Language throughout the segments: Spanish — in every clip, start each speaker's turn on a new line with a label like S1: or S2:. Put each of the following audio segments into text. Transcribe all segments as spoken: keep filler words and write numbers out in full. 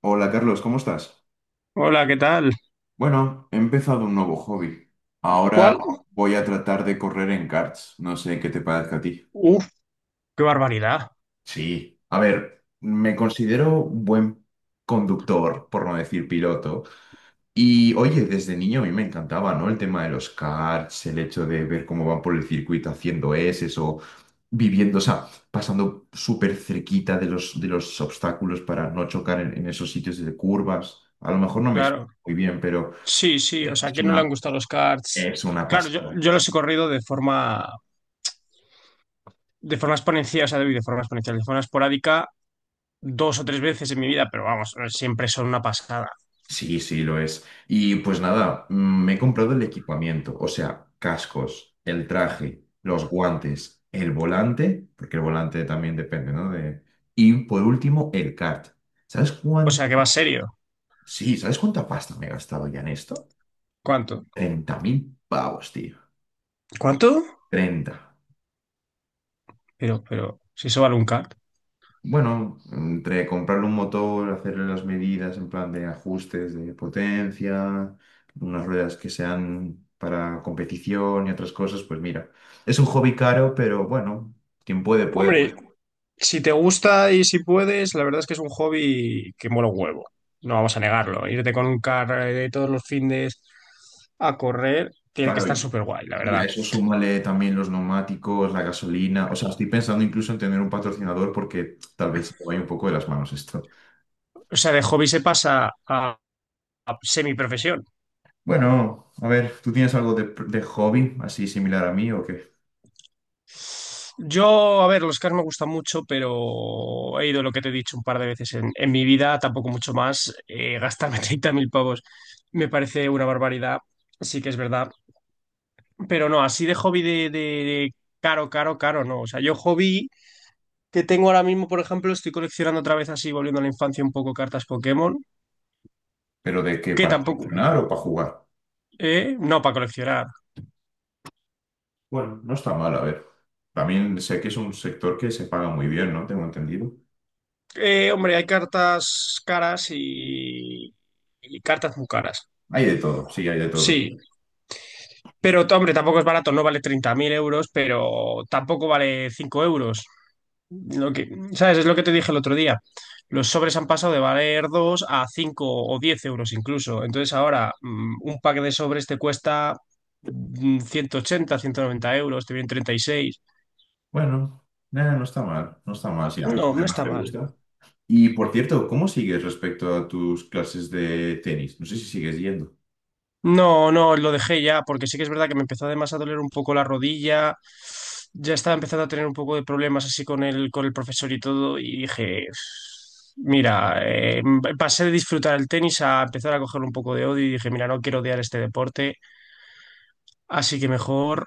S1: Hola Carlos, ¿cómo estás?
S2: Hola, ¿qué tal?
S1: Bueno, he empezado un nuevo hobby. Ahora
S2: ¿Cuál?
S1: voy a tratar de correr en karts. No sé qué te parezca a ti.
S2: Uf. ¡Qué barbaridad!
S1: Sí, a ver, me considero un buen conductor, por no decir piloto. Y oye, desde niño a mí me encantaba, ¿no? El tema de los karts, el hecho de ver cómo van por el circuito haciendo S o viviendo, o sea, pasando súper cerquita de los, de los obstáculos para no chocar en, en esos sitios de curvas. A lo mejor no me explico
S2: Claro.
S1: muy bien, pero...
S2: Sí, sí, o sea, ¿a
S1: Es
S2: quién no le han
S1: una,
S2: gustado los karts?
S1: es una
S2: Claro, yo,
S1: pasada.
S2: yo los he corrido de forma, de forma exponencial, o sea, de forma exponencial, de forma esporádica, dos o tres veces en mi vida, pero vamos, siempre son una pasada.
S1: Sí, sí, lo es. Y pues nada, mm, me he comprado el equipamiento, o sea, cascos, el traje, los guantes, el volante, porque el volante también depende, ¿no? De... Y por último, el kart. ¿Sabes
S2: O sea, que va
S1: cuánto?
S2: serio.
S1: Sí, ¿sabes cuánta pasta me he gastado ya en esto?
S2: ¿Cuánto?
S1: Treinta mil pavos, tío.
S2: ¿Cuánto?
S1: Treinta.
S2: Pero, pero, si eso vale un kart.
S1: Bueno, entre comprarle un motor, hacerle las medidas en plan de ajustes de potencia, unas ruedas que sean para competición y otras cosas, pues mira, es un hobby caro, pero bueno, quien puede, puede.
S2: hombre, Si te gusta y si puedes, la verdad es que es un hobby que mola un huevo. No vamos a negarlo. Irte con un car de todos los findes a correr tiene que
S1: Claro,
S2: estar
S1: y
S2: súper guay, la
S1: y
S2: verdad.
S1: a eso súmale también los neumáticos, la gasolina. O sea, estoy pensando incluso en tener un patrocinador porque tal vez se me vaya un poco de las manos esto.
S2: O sea, de hobby se pasa a, a semiprofesión.
S1: Bueno, a ver, ¿tú tienes algo de, de hobby así similar a mí o qué?
S2: Yo, a ver, los cars me gustan mucho, pero he ido lo que te he dicho un par de veces en, en mi vida, tampoco mucho más. Eh, gastarme treinta mil pavos me parece una barbaridad. Sí que es verdad. Pero no, así de hobby de, de de caro, caro, caro, no. O sea, yo, hobby que tengo ahora mismo, por ejemplo, estoy coleccionando otra vez así, volviendo a la infancia un poco, cartas Pokémon,
S1: ¿Pero de qué?
S2: que
S1: ¿Para
S2: tampoco,
S1: funcionar o para jugar?
S2: eh, no para coleccionar.
S1: Bueno, no está mal, a ver. También sé que es un sector que se paga muy bien, ¿no? Tengo entendido.
S2: Eh, hombre, hay cartas caras y, y cartas muy caras.
S1: Hay de todo, sí, hay de todo.
S2: Sí, pero t- hombre, tampoco es barato, no vale treinta mil euros, pero tampoco vale cinco euros. Lo que, ¿sabes? Es lo que te dije el otro día. Los sobres han pasado de valer dos a cinco o diez euros incluso. Entonces ahora mm, un pack de sobres te cuesta mm, ciento ochenta, ciento noventa euros, te vienen treinta y seis.
S1: Bueno, nada, no está mal, no está mal, sí, a mí
S2: No, no
S1: además
S2: está
S1: te
S2: mal.
S1: gusta. Y por cierto, ¿cómo sigues respecto a tus clases de tenis? No sé si sigues yendo.
S2: No, no, lo dejé ya porque sí que es verdad que me empezó además a doler un poco la rodilla. Ya estaba empezando a tener un poco de problemas así con el, con el profesor y todo y dije... Mira, eh, pasé de disfrutar el tenis a empezar a coger un poco de odio y dije, mira, no quiero odiar este deporte. Así que mejor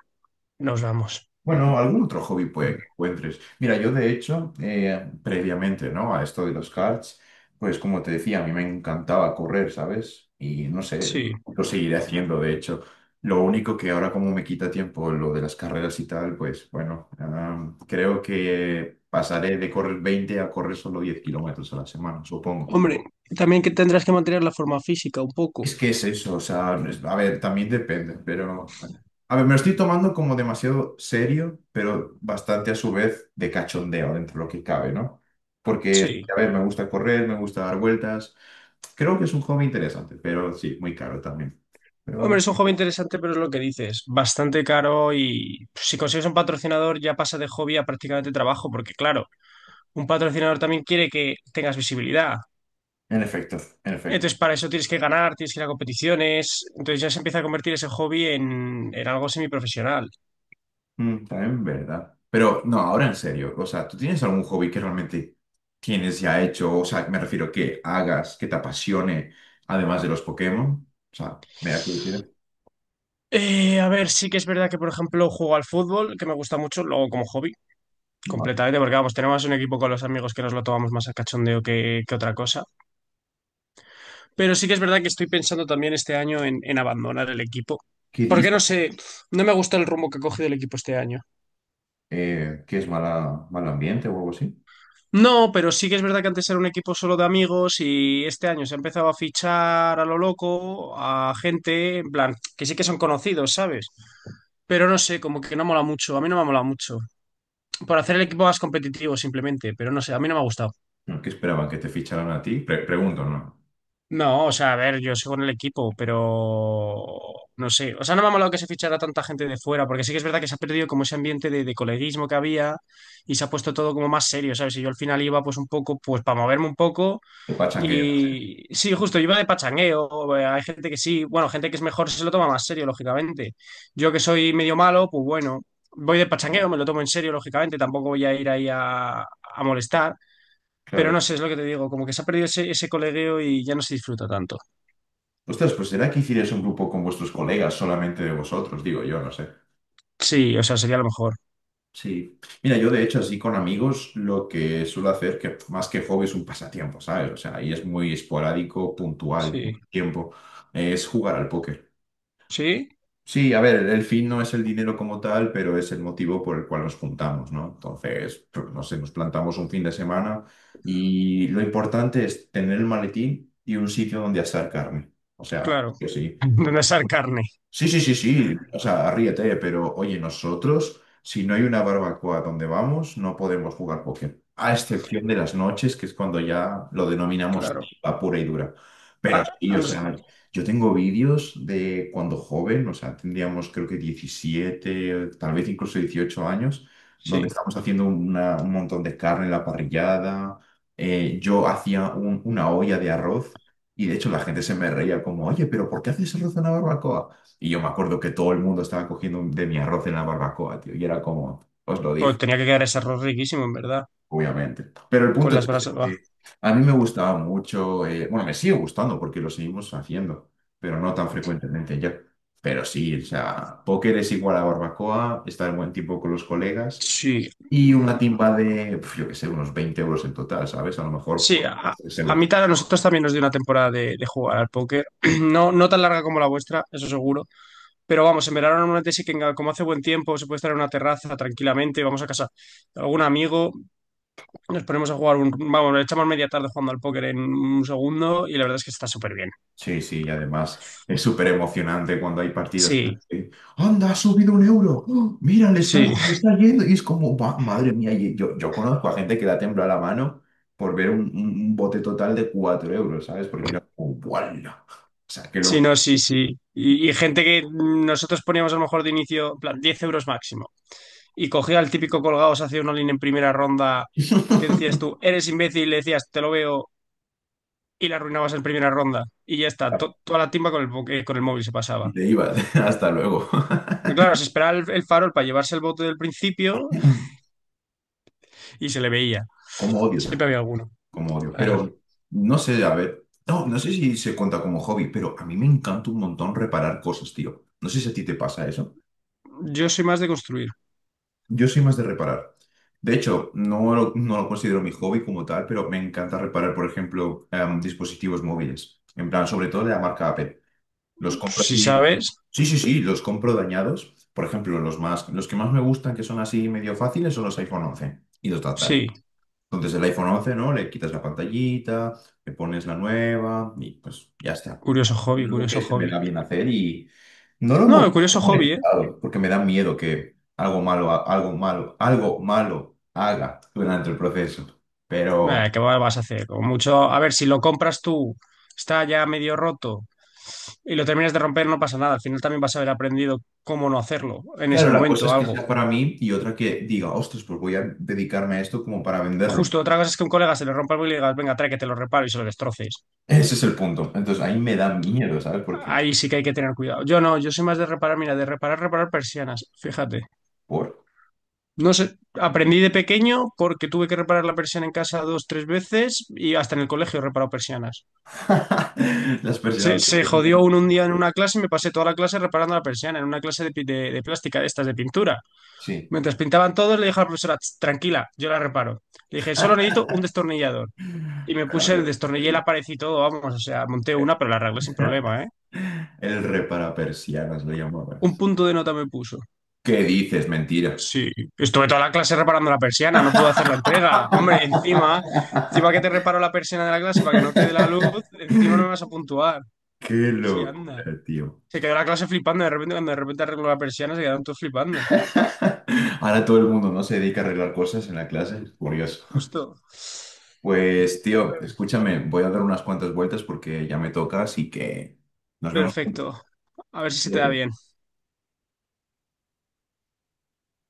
S2: nos vamos.
S1: Bueno, algún otro hobby puede que encuentres. Mira, yo de hecho, eh, previamente, ¿no? A esto de los karts, pues como te decía, a mí me encantaba correr, ¿sabes? Y no sé,
S2: Sí.
S1: lo seguiré haciendo, de hecho. Lo único que ahora como me quita tiempo lo de las carreras y tal, pues bueno, ah, creo que pasaré de correr veinte a correr solo diez kilómetros a la semana, supongo.
S2: Hombre, también que tendrás que mantener la forma física un poco.
S1: Es que es eso, o sea, es- a ver, también depende, pero... A ver, me lo estoy tomando como demasiado serio, pero bastante a su vez de cachondeo dentro de lo que cabe, ¿no? Porque,
S2: Sí.
S1: a ver, me gusta correr, me gusta dar vueltas. Creo que es un hobby interesante, pero sí, muy caro también.
S2: Hombre,
S1: Pero,
S2: es un hobby interesante, pero es lo que dices, bastante caro, y si consigues un patrocinador ya pasa de hobby a prácticamente trabajo, porque claro, un patrocinador también quiere que tengas visibilidad.
S1: en efecto, en efecto.
S2: Entonces, para eso tienes que ganar, tienes que ir a competiciones. Entonces, ya se empieza a convertir ese hobby en, en algo semiprofesional.
S1: Mm, también, ¿verdad? Pero, no, ahora en serio, o sea, ¿tú tienes algún hobby que realmente tienes ya hecho? O sea, me refiero que hagas, que te apasione, además de los Pokémon. O sea, me da curiosidad.
S2: Eh, a ver, sí que es verdad que, por ejemplo, juego al fútbol, que me gusta mucho, luego como hobby. Completamente, porque vamos, tenemos un equipo con los amigos que nos lo tomamos más a cachondeo que, que otra cosa. Pero sí que es verdad que estoy pensando también este año en, en abandonar el equipo.
S1: ¿Qué
S2: Porque
S1: dices?
S2: no sé, no me gusta el rumbo que ha cogido el equipo este año.
S1: Eh, ¿qué es mala, mal ambiente o algo así?
S2: No, pero sí que es verdad que antes era un equipo solo de amigos y este año se ha empezado a fichar a lo loco, a gente, en plan, que sí que son conocidos, ¿sabes? Pero no sé, como que no mola mucho, a mí no me mola mucho. Por hacer el equipo más competitivo simplemente, pero no sé, a mí no me ha gustado.
S1: No, ¿qué esperaban? ¿Que te ficharan a ti? Pre- pregunto, ¿no?
S2: No, o sea, a ver, yo sigo en el equipo, pero no sé. O sea, no me ha molado que se fichara tanta gente de fuera, porque sí que es verdad que se ha perdido como ese ambiente de, de coleguismo que había y se ha puesto todo como más serio, ¿sabes? Y yo al final iba pues un poco, pues para moverme un poco.
S1: ¿Qué pachangueo?
S2: Y sí, justo, iba de pachangueo. Eh, hay gente que sí, bueno, gente que es mejor se lo toma más serio, lógicamente. Yo que soy medio malo, pues bueno, voy de pachangueo, me lo tomo en serio, lógicamente, tampoco voy a ir ahí a, a molestar. Pero
S1: Claro.
S2: no sé, es lo que te digo, como que se ha perdido ese, ese colegueo y ya no se disfruta tanto.
S1: Ostras, pues será que hicierais un grupo con vuestros colegas, solamente de vosotros, digo yo, no sé.
S2: Sí, o sea, sería lo mejor.
S1: Sí. Mira, yo de hecho así con amigos lo que suelo hacer, que más que hobby es un pasatiempo, ¿sabes? O sea, ahí es muy esporádico, puntual,
S2: Sí,
S1: tiempo, es jugar al póker.
S2: sí,
S1: Sí, a ver, el fin no es el dinero como tal, pero es el motivo por el cual nos juntamos, ¿no? Entonces, pues, no sé, nos plantamos un fin de semana y lo importante es tener el maletín y un sitio donde asar carne. O sea,
S2: claro.
S1: que sí. Sí.
S2: ¿Dónde sale carne?
S1: Sí, sí, sí, sí. O sea, ríete, pero oye, nosotros, si no hay una barbacoa donde vamos, no podemos jugar póker. A excepción de las noches, que es cuando ya lo denominamos
S2: Claro.
S1: a pura y dura. Pero
S2: Ah,
S1: sí,
S2: a
S1: o sea,
S2: nosotros,
S1: yo tengo vídeos de cuando joven, o sea, tendríamos creo que diecisiete tal vez incluso dieciocho años, donde
S2: sí,
S1: estamos haciendo una- un montón de carne en la parrillada. Eh, yo hacía un- una olla de arroz. Y de hecho la gente se me reía como, oye, pero ¿por qué haces arroz en una barbacoa? Y yo me acuerdo que todo el mundo estaba cogiendo de mi arroz en la barbacoa, tío. Y era como, os lo dije,
S2: pues tenía que quedar ese arroz riquísimo, en verdad,
S1: obviamente. Pero el
S2: con
S1: punto es
S2: las brasas.
S1: ese,
S2: Buah.
S1: que a mí me gustaba mucho, eh, bueno, me sigue gustando porque lo seguimos haciendo, pero no tan frecuentemente ya. Pero sí, o sea, póker es igual a barbacoa, estar en buen tiempo con los colegas
S2: Sí.
S1: y una timba de, pf, yo qué sé, unos veinte euros en total, ¿sabes? A lo mejor,
S2: Sí,
S1: pues,
S2: a,
S1: 3
S2: a
S1: euros
S2: mitad a nosotros también nos dio una temporada de, de jugar al póker. No, no tan larga como la vuestra, eso seguro. Pero vamos, en verano normalmente sí que en- como hace buen tiempo se puede estar en una terraza tranquilamente, vamos a casa de algún amigo, nos ponemos a jugar un, vamos, echamos media tarde jugando al póker en un segundo y la verdad es que está súper bien.
S1: Sí, sí, y además es súper emocionante cuando hay partidas.
S2: Sí,
S1: que, ¡Anda, ha subido un euro! ¡Oh! ¡Mira, le
S2: sí.
S1: están, le está yendo! Y es como, "Buah, madre mía, y yo, yo conozco a gente que da tembla la mano por ver un, un- un bote total de cuatro euros, ¿sabes? Porque era como, ¡guala! O sea, qué
S2: Sí,
S1: loco.
S2: no, sí, sí. Y, y gente que nosotros poníamos a lo mejor de inicio, en plan, diez euros máximo. Y cogía al típico colgado, se hacía una línea en primera ronda, que decías tú, eres imbécil, y le decías, te lo veo, y la arruinabas en primera ronda. Y ya está, to- toda la timba con el, bo- eh, con el móvil se
S1: Y
S2: pasaba.
S1: te ibas, hasta luego.
S2: Pero claro, se esperaba el, el farol para llevarse el bote del principio y se le veía.
S1: ¿Cómo odio esa
S2: Siempre había
S1: gente?
S2: alguno.
S1: ¿Cómo odio?
S2: Ay.
S1: Pero no sé, a ver, no, no sé si se cuenta como hobby, pero a mí me encanta un montón reparar cosas, tío. No sé si a ti te pasa eso.
S2: Yo soy más de construir.
S1: Yo soy más de reparar. De hecho, no lo, no lo considero mi hobby como tal, pero me encanta reparar, por ejemplo, em, dispositivos móviles. En plan, sobre todo de la marca Apple. Los compro
S2: Si
S1: aquí.
S2: sabes,
S1: Sí, sí, sí, los compro dañados. Por ejemplo, los más, los que más me gustan, que son así medio fáciles, son los iPhone once y los de atrás.
S2: sí.
S1: Entonces, el iPhone once, ¿no? Le quitas la pantallita, le pones la nueva y pues ya está,
S2: Curioso
S1: es
S2: hobby,
S1: algo
S2: curioso
S1: que se me
S2: hobby.
S1: da bien hacer y no lo hemos
S2: No, curioso hobby, ¿eh?
S1: monetizado porque me da miedo que algo malo, algo malo, algo malo haga durante el proceso.
S2: Eh,
S1: Pero
S2: ¿qué vas a hacer? Como mucho, a ver, si lo compras tú, está ya medio roto y lo terminas de romper, no pasa nada. Al final también vas a haber aprendido cómo no hacerlo en ese
S1: claro, la cosa
S2: momento,
S1: es que
S2: algo.
S1: sea para mí y otra que diga, ostras, pues voy a dedicarme a esto como para venderlo.
S2: Justo otra cosa es que a un colega se le rompa el móvil y le digas, venga, trae que te lo reparo, y se lo destroces.
S1: Ese es el punto. Entonces ahí me da miedo, ¿sabes? Porque
S2: Ahí sí que hay que tener cuidado. Yo no, yo soy más de reparar, mira, de reparar, reparar persianas, fíjate.
S1: por
S2: No sé, aprendí de pequeño porque tuve que reparar la persiana en casa dos, tres veces y hasta en el colegio he reparado persianas.
S1: las
S2: Se,
S1: personas.
S2: se jodió un, un día en una clase y me pasé toda la clase reparando la persiana en una clase de, pi- de, de plástica, de estas de pintura.
S1: Sí.
S2: Mientras pintaban todos, le dije a la profesora: "Tss, tranquila, yo la reparo". Le dije, solo necesito un destornillador. Y me puse, el
S1: Claro,
S2: destornillé
S1: el,
S2: la pared y todo, vamos, o sea, monté una, pero la arreglé sin problema, ¿eh?
S1: el re para persianas lo
S2: Un
S1: llamabas.
S2: punto de nota me puso.
S1: ¿Qué dices? Mentira.
S2: Sí, estuve toda la clase reparando la persiana, no pude hacer la entrega. Hombre, encima, encima que te reparo la persiana de la clase para que no te dé la luz, encima no me vas a puntuar.
S1: Qué
S2: Sí, anda.
S1: locura, tío.
S2: Se quedó la clase flipando, de repente, cuando de repente arregló la persiana, se quedaron todos flipando.
S1: Ahora todo el mundo no se dedica a arreglar cosas en la clase, es curioso.
S2: Justo.
S1: Pues, tío, escúchame, voy a dar unas cuantas vueltas porque ya me toca, así que nos vemos pronto.
S2: Perfecto. A ver si se te da bien.